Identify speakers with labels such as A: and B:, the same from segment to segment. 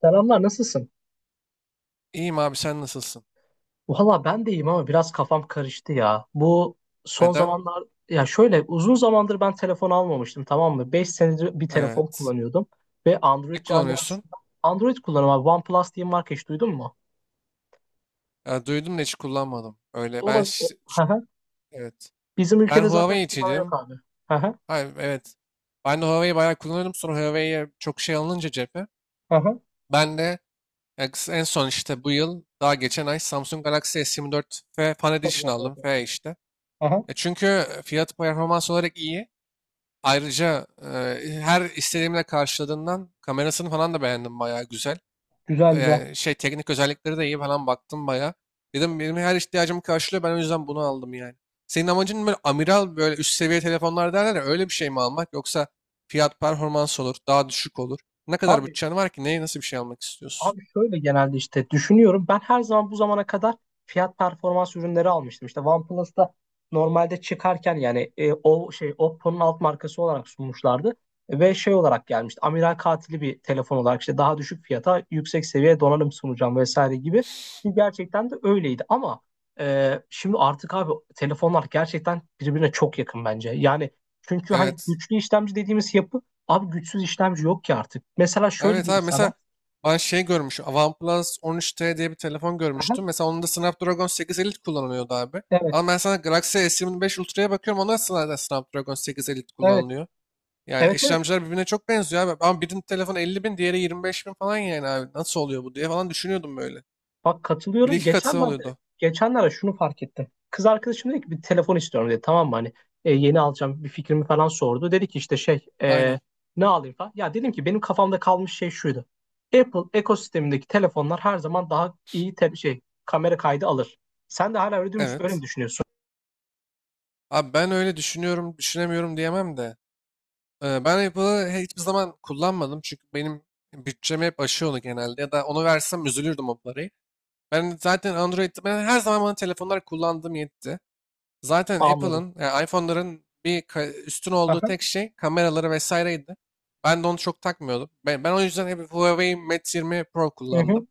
A: Selamlar, nasılsın?
B: İyiyim abi sen nasılsın?
A: Valla ben de iyiyim ama biraz kafam karıştı ya. Bu son
B: Neden?
A: zamanlar ya şöyle uzun zamandır ben telefon almamıştım, tamam mı? 5 senedir bir telefon
B: Evet.
A: kullanıyordum ve Android
B: Ne kullanıyorsun?
A: camiasında Android kullanıyorum abi. OnePlus diye bir marka hiç duydun mu?
B: Ya, duydum da hiç kullanmadım. Öyle ben
A: Olabilir. Hı hı.
B: evet.
A: Bizim
B: Ben
A: ülkede zaten kullanan yok
B: Huawei'ciydim.
A: abi. Hı hı.
B: Hayır, evet. Ben de Huawei'yi bayağı kullanıyordum. Sonra Huawei'ye çok şey alınınca cephe.
A: Hı hı.
B: Ben de ya, en son işte bu yıl daha geçen ay Samsung Galaxy S24 F Fan
A: Çok
B: Edition
A: güzel
B: aldım.
A: telefon.
B: F işte.
A: Hı hı.
B: Çünkü fiyat performans olarak iyi. Ayrıca her istediğimle karşıladığından kamerasını falan da beğendim, bayağı güzel.
A: Güzel güzel.
B: Şey, teknik özellikleri de iyi falan, baktım bayağı. Dedim benim her ihtiyacımı karşılıyor. Ben o yüzden bunu aldım yani. Senin amacın böyle amiral, böyle üst seviye telefonlar derler ya, öyle bir şey mi almak, yoksa fiyat performans olur, daha düşük olur. Ne kadar
A: Abi
B: bütçen var ki, neye nasıl bir şey almak istiyorsun?
A: Abi şöyle genelde işte düşünüyorum. Ben her zaman bu zamana kadar fiyat performans ürünleri almıştım. İşte OnePlus'ta normalde çıkarken yani o şey Oppo'nun alt markası olarak sunmuşlardı. Ve şey olarak gelmişti. Amiral katili bir telefon olarak işte daha düşük fiyata yüksek seviye donanım sunacağım vesaire gibi. Ki gerçekten de öyleydi. Ama şimdi artık abi telefonlar gerçekten birbirine çok yakın bence. Yani çünkü hani
B: Evet.
A: güçlü işlemci dediğimiz yapı abi güçsüz işlemci yok ki artık. Mesela şöyle
B: Evet
A: diyeyim
B: abi,
A: sana.
B: mesela ben şey görmüşüm. OnePlus 13T diye bir telefon görmüştüm. Mesela onun da Snapdragon 8 Elite kullanılıyordu abi.
A: Evet,
B: Ama ben sana Galaxy S25 Ultra'ya bakıyorum. Onda da Snapdragon 8 Elite
A: evet,
B: kullanılıyor. Ya,
A: evet, evet.
B: işlemciler birbirine çok benziyor abi. Ama birinin telefonu 50 bin, diğeri 25 bin falan yani abi. Nasıl oluyor bu diye falan düşünüyordum böyle.
A: Bak
B: Bir
A: katılıyorum.
B: iki katı
A: Geçenlerde,
B: oluyordu.
A: geçenlerde şunu fark ettim. Kız arkadaşım dedi ki bir telefon istiyorum dedi. Tamam mı hani yeni alacağım bir fikrimi falan sordu. Dedi ki işte şey
B: Aynen.
A: ne alayım falan. Ya dedim ki benim kafamda kalmış şey şuydu. Apple ekosistemindeki telefonlar her zaman daha iyi şey kamera kaydı alır. Sen de hala öyle,
B: Evet.
A: öyle mi düşünüyorsun?
B: Abi ben öyle düşünüyorum, düşünemiyorum diyemem de. Ben Apple'ı hiçbir zaman kullanmadım. Çünkü benim bütçemi hep aşıyor onu genelde. Ya da onu versem üzülürdüm o parayı. Ben zaten Android'de, ben her zaman bana telefonlar kullandığım yetti. Zaten
A: Anladım.
B: Apple'ın yani iPhone'ların üstün olduğu
A: Aha,
B: tek şey kameraları vesaireydi. Ben de onu çok takmıyordum. Ben o yüzden hep Huawei Mate 20 Pro
A: hı
B: kullandım.
A: hı.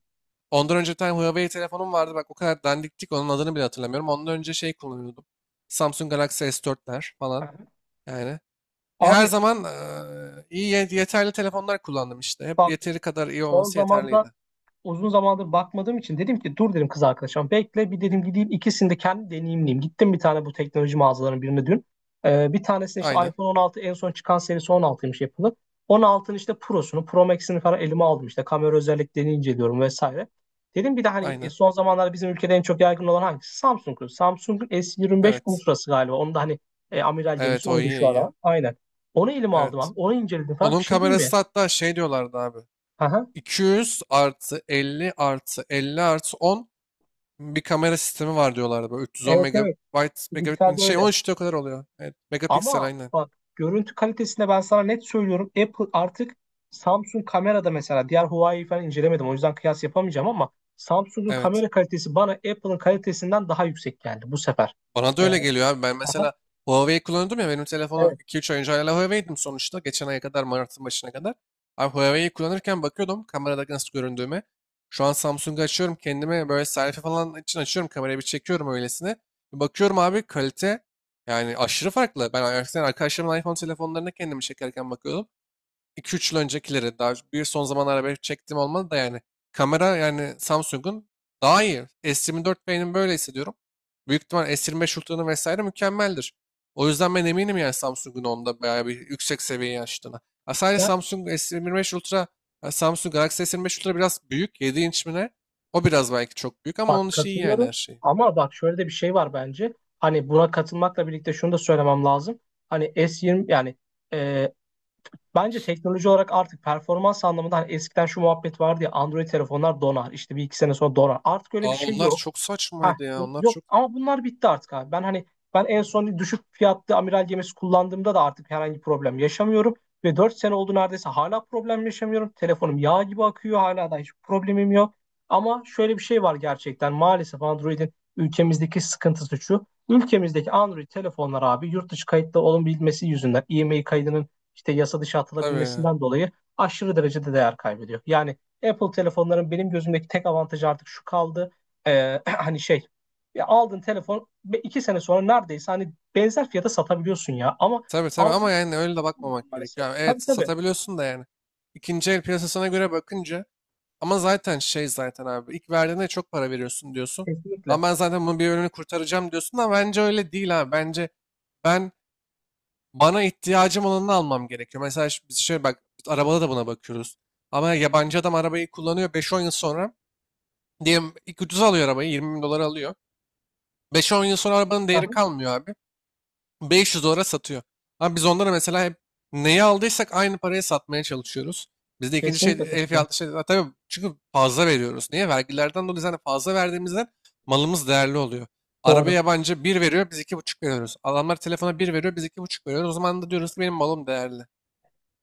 B: Ondan önce bir tane Huawei telefonum vardı. Bak, o kadar dandiktik onun adını bile hatırlamıyorum. Ondan önce şey kullanıyordum. Samsung Galaxy S4'ler falan
A: Aha.
B: yani. Her
A: Abi
B: zaman iyi yeterli telefonlar kullandım işte. Hep
A: bak
B: yeteri kadar iyi
A: son
B: olması
A: zamanda
B: yeterliydi.
A: uzun zamandır bakmadığım için dedim ki dur dedim kız arkadaşım bekle bir dedim gideyim ikisini de kendi deneyimleyeyim. Gittim bir tane bu teknoloji mağazalarının birine dün. Bir tanesine işte
B: Aynen.
A: iPhone 16 en son çıkan serisi on altıymış yapılı. 16'nın işte Pro'sunu, Pro Max'ini falan elime aldım, işte kamera özelliklerini inceliyorum vesaire. Dedim bir de hani
B: Aynen.
A: son zamanlarda bizim ülkede en çok yaygın olan hangisi? Samsung'un. Samsung'un S25
B: Evet.
A: Ultra'sı galiba. Onu da hani amiral
B: Evet,
A: gemisi
B: o
A: oydu
B: iyi
A: şu
B: iyi.
A: ara. Aynen. Onu elime aldım
B: Evet.
A: abi. Onu inceledim falan. Bir
B: Onun
A: şey diyeyim
B: kamerası
A: mi?
B: da hatta şey diyorlardı abi.
A: Aha.
B: 200 artı 50 artı 50 artı 10 bir kamera sistemi var diyorlardı. Böyle 310
A: Evet evet.
B: megabayt
A: Fizikselde
B: şey
A: öyle.
B: 13 de o kadar oluyor. Evet, megapiksel
A: Ama
B: aynen.
A: bak görüntü kalitesinde ben sana net söylüyorum. Apple artık Samsung kamerada, mesela diğer Huawei falan incelemedim. O yüzden kıyas yapamayacağım ama Samsung'un
B: Evet.
A: kamera kalitesi bana Apple'ın kalitesinden daha yüksek geldi bu sefer.
B: Bana da
A: Ee,
B: öyle geliyor abi. Ben
A: aha,
B: mesela Huawei kullanıyordum ya, benim telefonu
A: evet.
B: 2-3 ay önce hala Huawei'dim sonuçta. Geçen aya kadar, Mart'ın başına kadar. Abi Huawei'yi kullanırken bakıyordum kamerada nasıl göründüğüme. Şu an Samsung'u açıyorum, kendime böyle selfie falan için açıyorum kamerayı, bir çekiyorum öylesine. Bir bakıyorum abi, kalite yani aşırı farklı. Ben eskiden arkadaşlarımın iPhone telefonlarına kendimi çekerken bakıyordum. 2 üç yıl öncekileri, daha bir son zamanlarda belki çektiğim olmadı da yani kamera yani Samsung'un daha iyi. S24 benim, böyle hissediyorum. Büyük ihtimal S25 Ultra'nın vesaire mükemmeldir. O yüzden ben eminim yani Samsung'un onda bayağı bir yüksek seviyeye açtığına. Ha, sadece
A: Ya,
B: Samsung S25 Ultra, ha, Samsung Galaxy S25 Ultra biraz büyük. 7 inç mi ne? O biraz belki çok büyük ama onun
A: bak
B: işi iyi yani
A: katılıyorum
B: her şey.
A: ama bak şöyle de bir şey var bence. Hani buna katılmakla birlikte şunu da söylemem lazım. Hani S20 yani e, bence teknoloji olarak artık performans anlamında hani eskiden şu muhabbet vardı ya, Android telefonlar donar, işte bir iki sene sonra donar. Artık öyle bir
B: Aa,
A: şey
B: onlar
A: yok.
B: çok
A: Ha,
B: saçmaydı ya. Onlar
A: yok
B: çok
A: ama bunlar bitti artık abi. Ben hani ben en son düşük fiyatlı amiral gemisi kullandığımda da artık herhangi problem yaşamıyorum. Ve 4 sene oldu neredeyse hala problem yaşamıyorum. Telefonum yağ gibi akıyor hala da hiç problemim yok. Ama şöyle bir şey var, gerçekten maalesef Android'in ülkemizdeki sıkıntısı şu. Ülkemizdeki Android telefonlar abi yurt dışı kayıtlı olabilmesi yüzünden IMEI kaydının işte yasa dışı
B: tabii.
A: atılabilmesinden dolayı aşırı derecede değer kaybediyor. Yani Apple telefonların benim gözümdeki tek avantajı artık şu kaldı. Hani şey, ya aldın telefon ve iki sene sonra neredeyse hani benzer fiyata satabiliyorsun ya, ama
B: Tabii, tabii ama
A: almıyorsun
B: yani öyle de bakmamak
A: maalesef.
B: gerekiyor. Yani evet
A: Tabii tabii
B: satabiliyorsun da yani. İkinci el piyasasına göre bakınca, ama zaten şey, zaten abi ilk verdiğinde çok para veriyorsun diyorsun.
A: kesinlikle.
B: Ama ben zaten bunun bir bölümünü kurtaracağım diyorsun ama bence öyle değil abi. Bence ben, bana ihtiyacım olanını almam gerekiyor. Mesela biz şey bak, arabada da buna bakıyoruz. Ama yabancı adam arabayı kullanıyor beş on yıl sonra. Diyelim ilk ucuza alıyor arabayı, 20 bin dolara alıyor. Beş on yıl sonra arabanın değeri
A: Aha,
B: kalmıyor abi. 500 dolara satıyor. Ama biz onlara mesela hep neyi aldıysak aynı paraya satmaya çalışıyoruz. Bizde ikinci şey
A: kesinlikle
B: el
A: satılıyor.
B: fiyatlı şey. Ha, tabii çünkü fazla veriyoruz. Niye? Vergilerden dolayı zaten fazla verdiğimizden malımız değerli oluyor. Arabaya
A: Doğru.
B: yabancı bir veriyor, biz iki buçuk veriyoruz. Adamlar telefona bir veriyor, biz iki buçuk veriyoruz. O zaman da diyoruz ki benim malım değerli.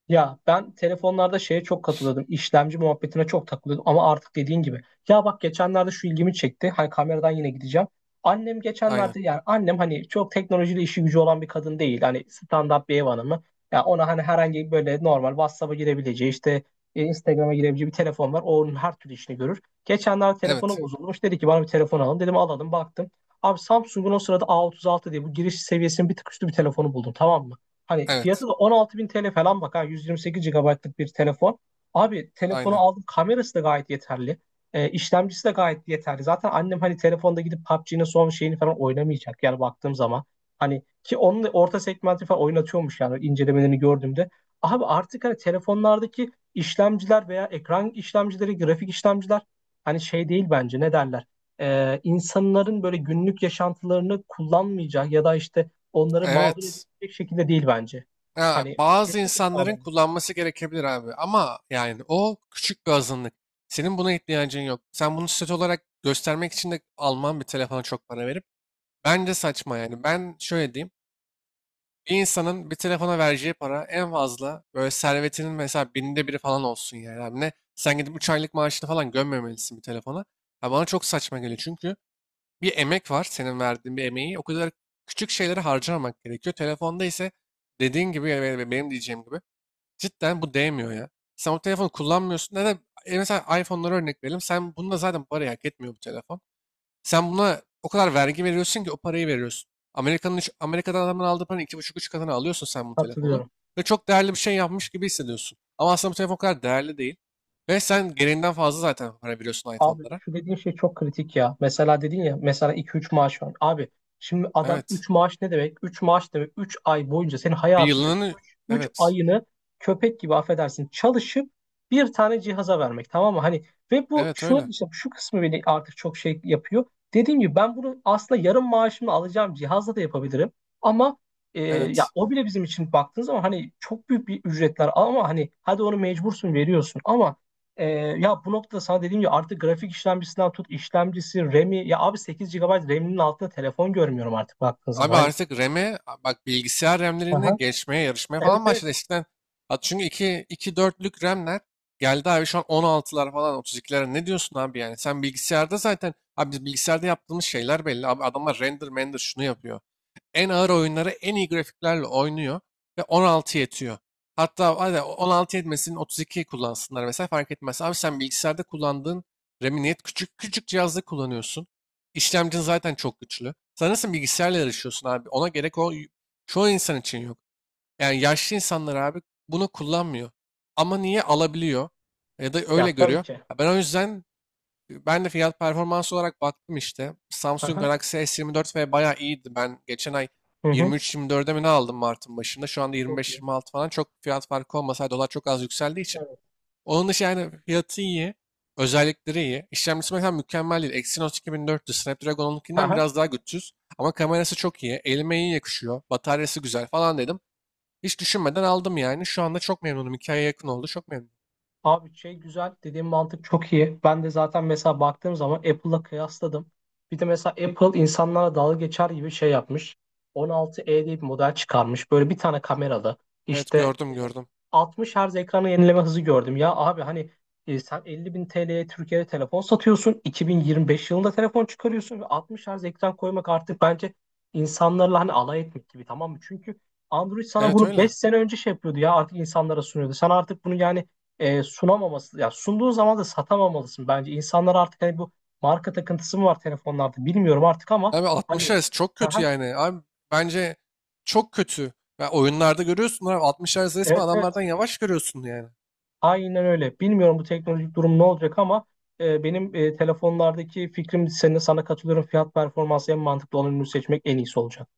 A: Ya ben telefonlarda şeye çok katılıyordum. İşlemci muhabbetine çok takılıyordum ama artık dediğin gibi. Ya bak geçenlerde şu ilgimi çekti. Hani kameradan yine gideceğim. Annem
B: Aynen.
A: geçenlerde, yani annem hani çok teknolojiyle işi gücü olan bir kadın değil. Hani standart bir ev hanımı. Ya ona hani herhangi böyle normal WhatsApp'a girebileceği, işte Instagram'a girebileceği bir telefon var. O onun her türlü işini görür. Geçenlerde telefonu
B: Evet.
A: bozulmuş. Dedi ki bana bir telefon alın. Dedim alalım baktım. Abi Samsung'un o sırada A36 diye bu giriş seviyesinin bir tık üstü bir telefonu buldum tamam mı? Hani
B: Evet.
A: fiyatı da 16.000 TL falan, bak ha, 128 GB'lık bir telefon. Abi telefonu
B: Aynen.
A: aldım, kamerası da gayet yeterli. İşlemcisi de gayet yeterli. Zaten annem hani telefonda gidip PUBG'nin son şeyini falan oynamayacak yani baktığım zaman. Hani ki onun da orta segmenti falan oynatıyormuş yani incelemelerini gördüğümde. Abi artık hani telefonlardaki işlemciler veya ekran işlemcileri, grafik işlemciler hani şey değil bence, ne derler. İnsanların böyle günlük yaşantılarını kullanmayacak ya da işte onları mağdur
B: Evet.
A: bir şekilde değil bence.
B: Ha,
A: Hani
B: bazı
A: kesinlikle
B: insanların
A: sağlam.
B: kullanması gerekebilir abi ama yani o küçük bir azınlık. Senin buna ihtiyacın yok. Sen bunu statü olarak göstermek için de alman bir telefona çok para verip. Bence saçma yani. Ben şöyle diyeyim. Bir insanın bir telefona vereceği para en fazla böyle servetinin mesela binde biri falan olsun yani. Abi ne? Sen gidip 3 aylık maaşını falan gömmemelisin bir telefona. Ha, bana çok saçma geliyor çünkü bir emek var, senin verdiğin bir emeği o kadar küçük şeylere harcamamak gerekiyor. Telefonda ise dediğin gibi ve benim diyeceğim gibi cidden bu değmiyor ya. Sen o telefonu kullanmıyorsun. Neden? E mesela iPhone'lara örnek verelim. Sen bununla zaten parayı hak etmiyor bu telefon. Sen buna o kadar vergi veriyorsun ki o parayı veriyorsun. Amerika'nın Amerika'dan adamın aldığı paranın iki buçuk üç katını alıyorsun sen bu telefonu.
A: Hatırlıyorum.
B: Ve çok değerli bir şey yapmış gibi hissediyorsun. Ama aslında bu telefon o kadar değerli değil. Ve sen gereğinden fazla zaten para veriyorsun
A: Abi
B: iPhone'lara.
A: şu dediğin şey çok kritik ya. Mesela dedin ya, mesela iki üç maaş var. Abi şimdi adam
B: Evet.
A: 3 maaş ne demek? 3 maaş demek 3 ay boyunca senin
B: Bir
A: hayatındaki
B: yılının...
A: üç
B: Evet.
A: ayını köpek gibi affedersin çalışıp bir tane cihaza vermek tamam mı? Hani ve bu
B: Evet
A: şunu
B: öyle.
A: işte şu kısmı beni artık çok şey yapıyor. Dediğim gibi ben bunu aslında yarım maaşımla alacağım cihazla da yapabilirim. Ama ya
B: Evet.
A: o bile bizim için baktığın zaman hani çok büyük bir ücretler ama hani hadi onu mecbursun veriyorsun ama ee, ya bu noktada sana dediğim gibi artık grafik işlemcisinden tut işlemcisi, RAM'i, ya abi 8 GB RAM'inin altında telefon görmüyorum artık baktığın zaman.
B: Abi
A: Hani.
B: artık bak bilgisayar RAM'lerini
A: Aha.
B: geçmeye yarışmaya
A: Evet
B: falan başladı.
A: evet.
B: Eskiden at çünkü 2 4'lük RAM'ler geldi abi, şu an 16'lar falan, 32'lere ne diyorsun abi yani? Sen bilgisayarda zaten abi, biz bilgisayarda yaptığımız şeyler belli. Abi adamlar render render şunu yapıyor, en ağır oyunları en iyi grafiklerle oynuyor ve 16 yetiyor. Hatta hadi 16 yetmesin 32 kullansınlar mesela, fark etmez. Abi sen bilgisayarda kullandığın RAM'i niye küçük küçük cihazda kullanıyorsun? İşlemcin zaten çok güçlü. Sen nasıl bilgisayarla yarışıyorsun abi? Ona gerek, o çoğu insan için yok. Yani yaşlı insanlar abi bunu kullanmıyor. Ama niye alabiliyor? Ya da öyle
A: Ya tabii
B: görüyor.
A: ki.
B: Ya ben o yüzden, ben de fiyat performans olarak baktım işte. Samsung
A: Aha.
B: Galaxy S24 ve bayağı iyiydi. Ben geçen ay
A: Hı hı.
B: 23-24'e mi ne aldım Mart'ın başında. Şu anda
A: Çok iyi.
B: 25-26 falan, çok fiyat farkı olmasaydı, dolar çok az yükseldiği için.
A: Evet.
B: Onun dışı yani fiyatı iyi. Özellikleri iyi. İşlemcisi mesela mükemmel değil. Exynos 2400, Snapdragon 12'den
A: Aha.
B: biraz daha güçsüz. Ama kamerası çok iyi. Elime iyi yakışıyor. Bataryası güzel falan dedim. Hiç düşünmeden aldım yani. Şu anda çok memnunum. 2 aya yakın oldu. Çok memnunum.
A: Abi şey güzel dediğim mantık çok iyi. Ben de zaten mesela baktığım zaman Apple'la kıyasladım. Bir de mesela Apple insanlara dalga geçer gibi şey yapmış. 16e diye bir model çıkarmış. Böyle bir tane kameralı.
B: Evet,
A: İşte
B: gördüm
A: e,
B: gördüm.
A: 60 Hz ekranı yenileme hızı gördüm. Ya abi hani sen 50 bin TL'ye Türkiye'de telefon satıyorsun. 2025 yılında telefon çıkarıyorsun. Ve 60 Hz ekran koymak artık bence insanlarla hani alay etmek gibi tamam mı? Çünkü Android sana
B: Evet
A: bunu
B: öyle.
A: 5 sene önce şey yapıyordu ya, artık insanlara sunuyordu. Sen artık bunu yani sunamaması, ya sunduğun zaman da satamamalısın bence. İnsanlar artık hani bu marka takıntısı mı var telefonlarda, bilmiyorum artık ama
B: Abi 60
A: hani
B: Hz çok kötü
A: aha,
B: yani. Abi bence çok kötü. Ya oyunlarda görüyorsun abi, 60 Hz resmen
A: evet evet
B: adamlardan yavaş görüyorsun yani.
A: aynen öyle. Bilmiyorum bu teknolojik durum ne olacak ama benim telefonlardaki fikrim sana katılıyorum. Fiyat performansı en mantıklı olan ürünü seçmek en iyisi olacak.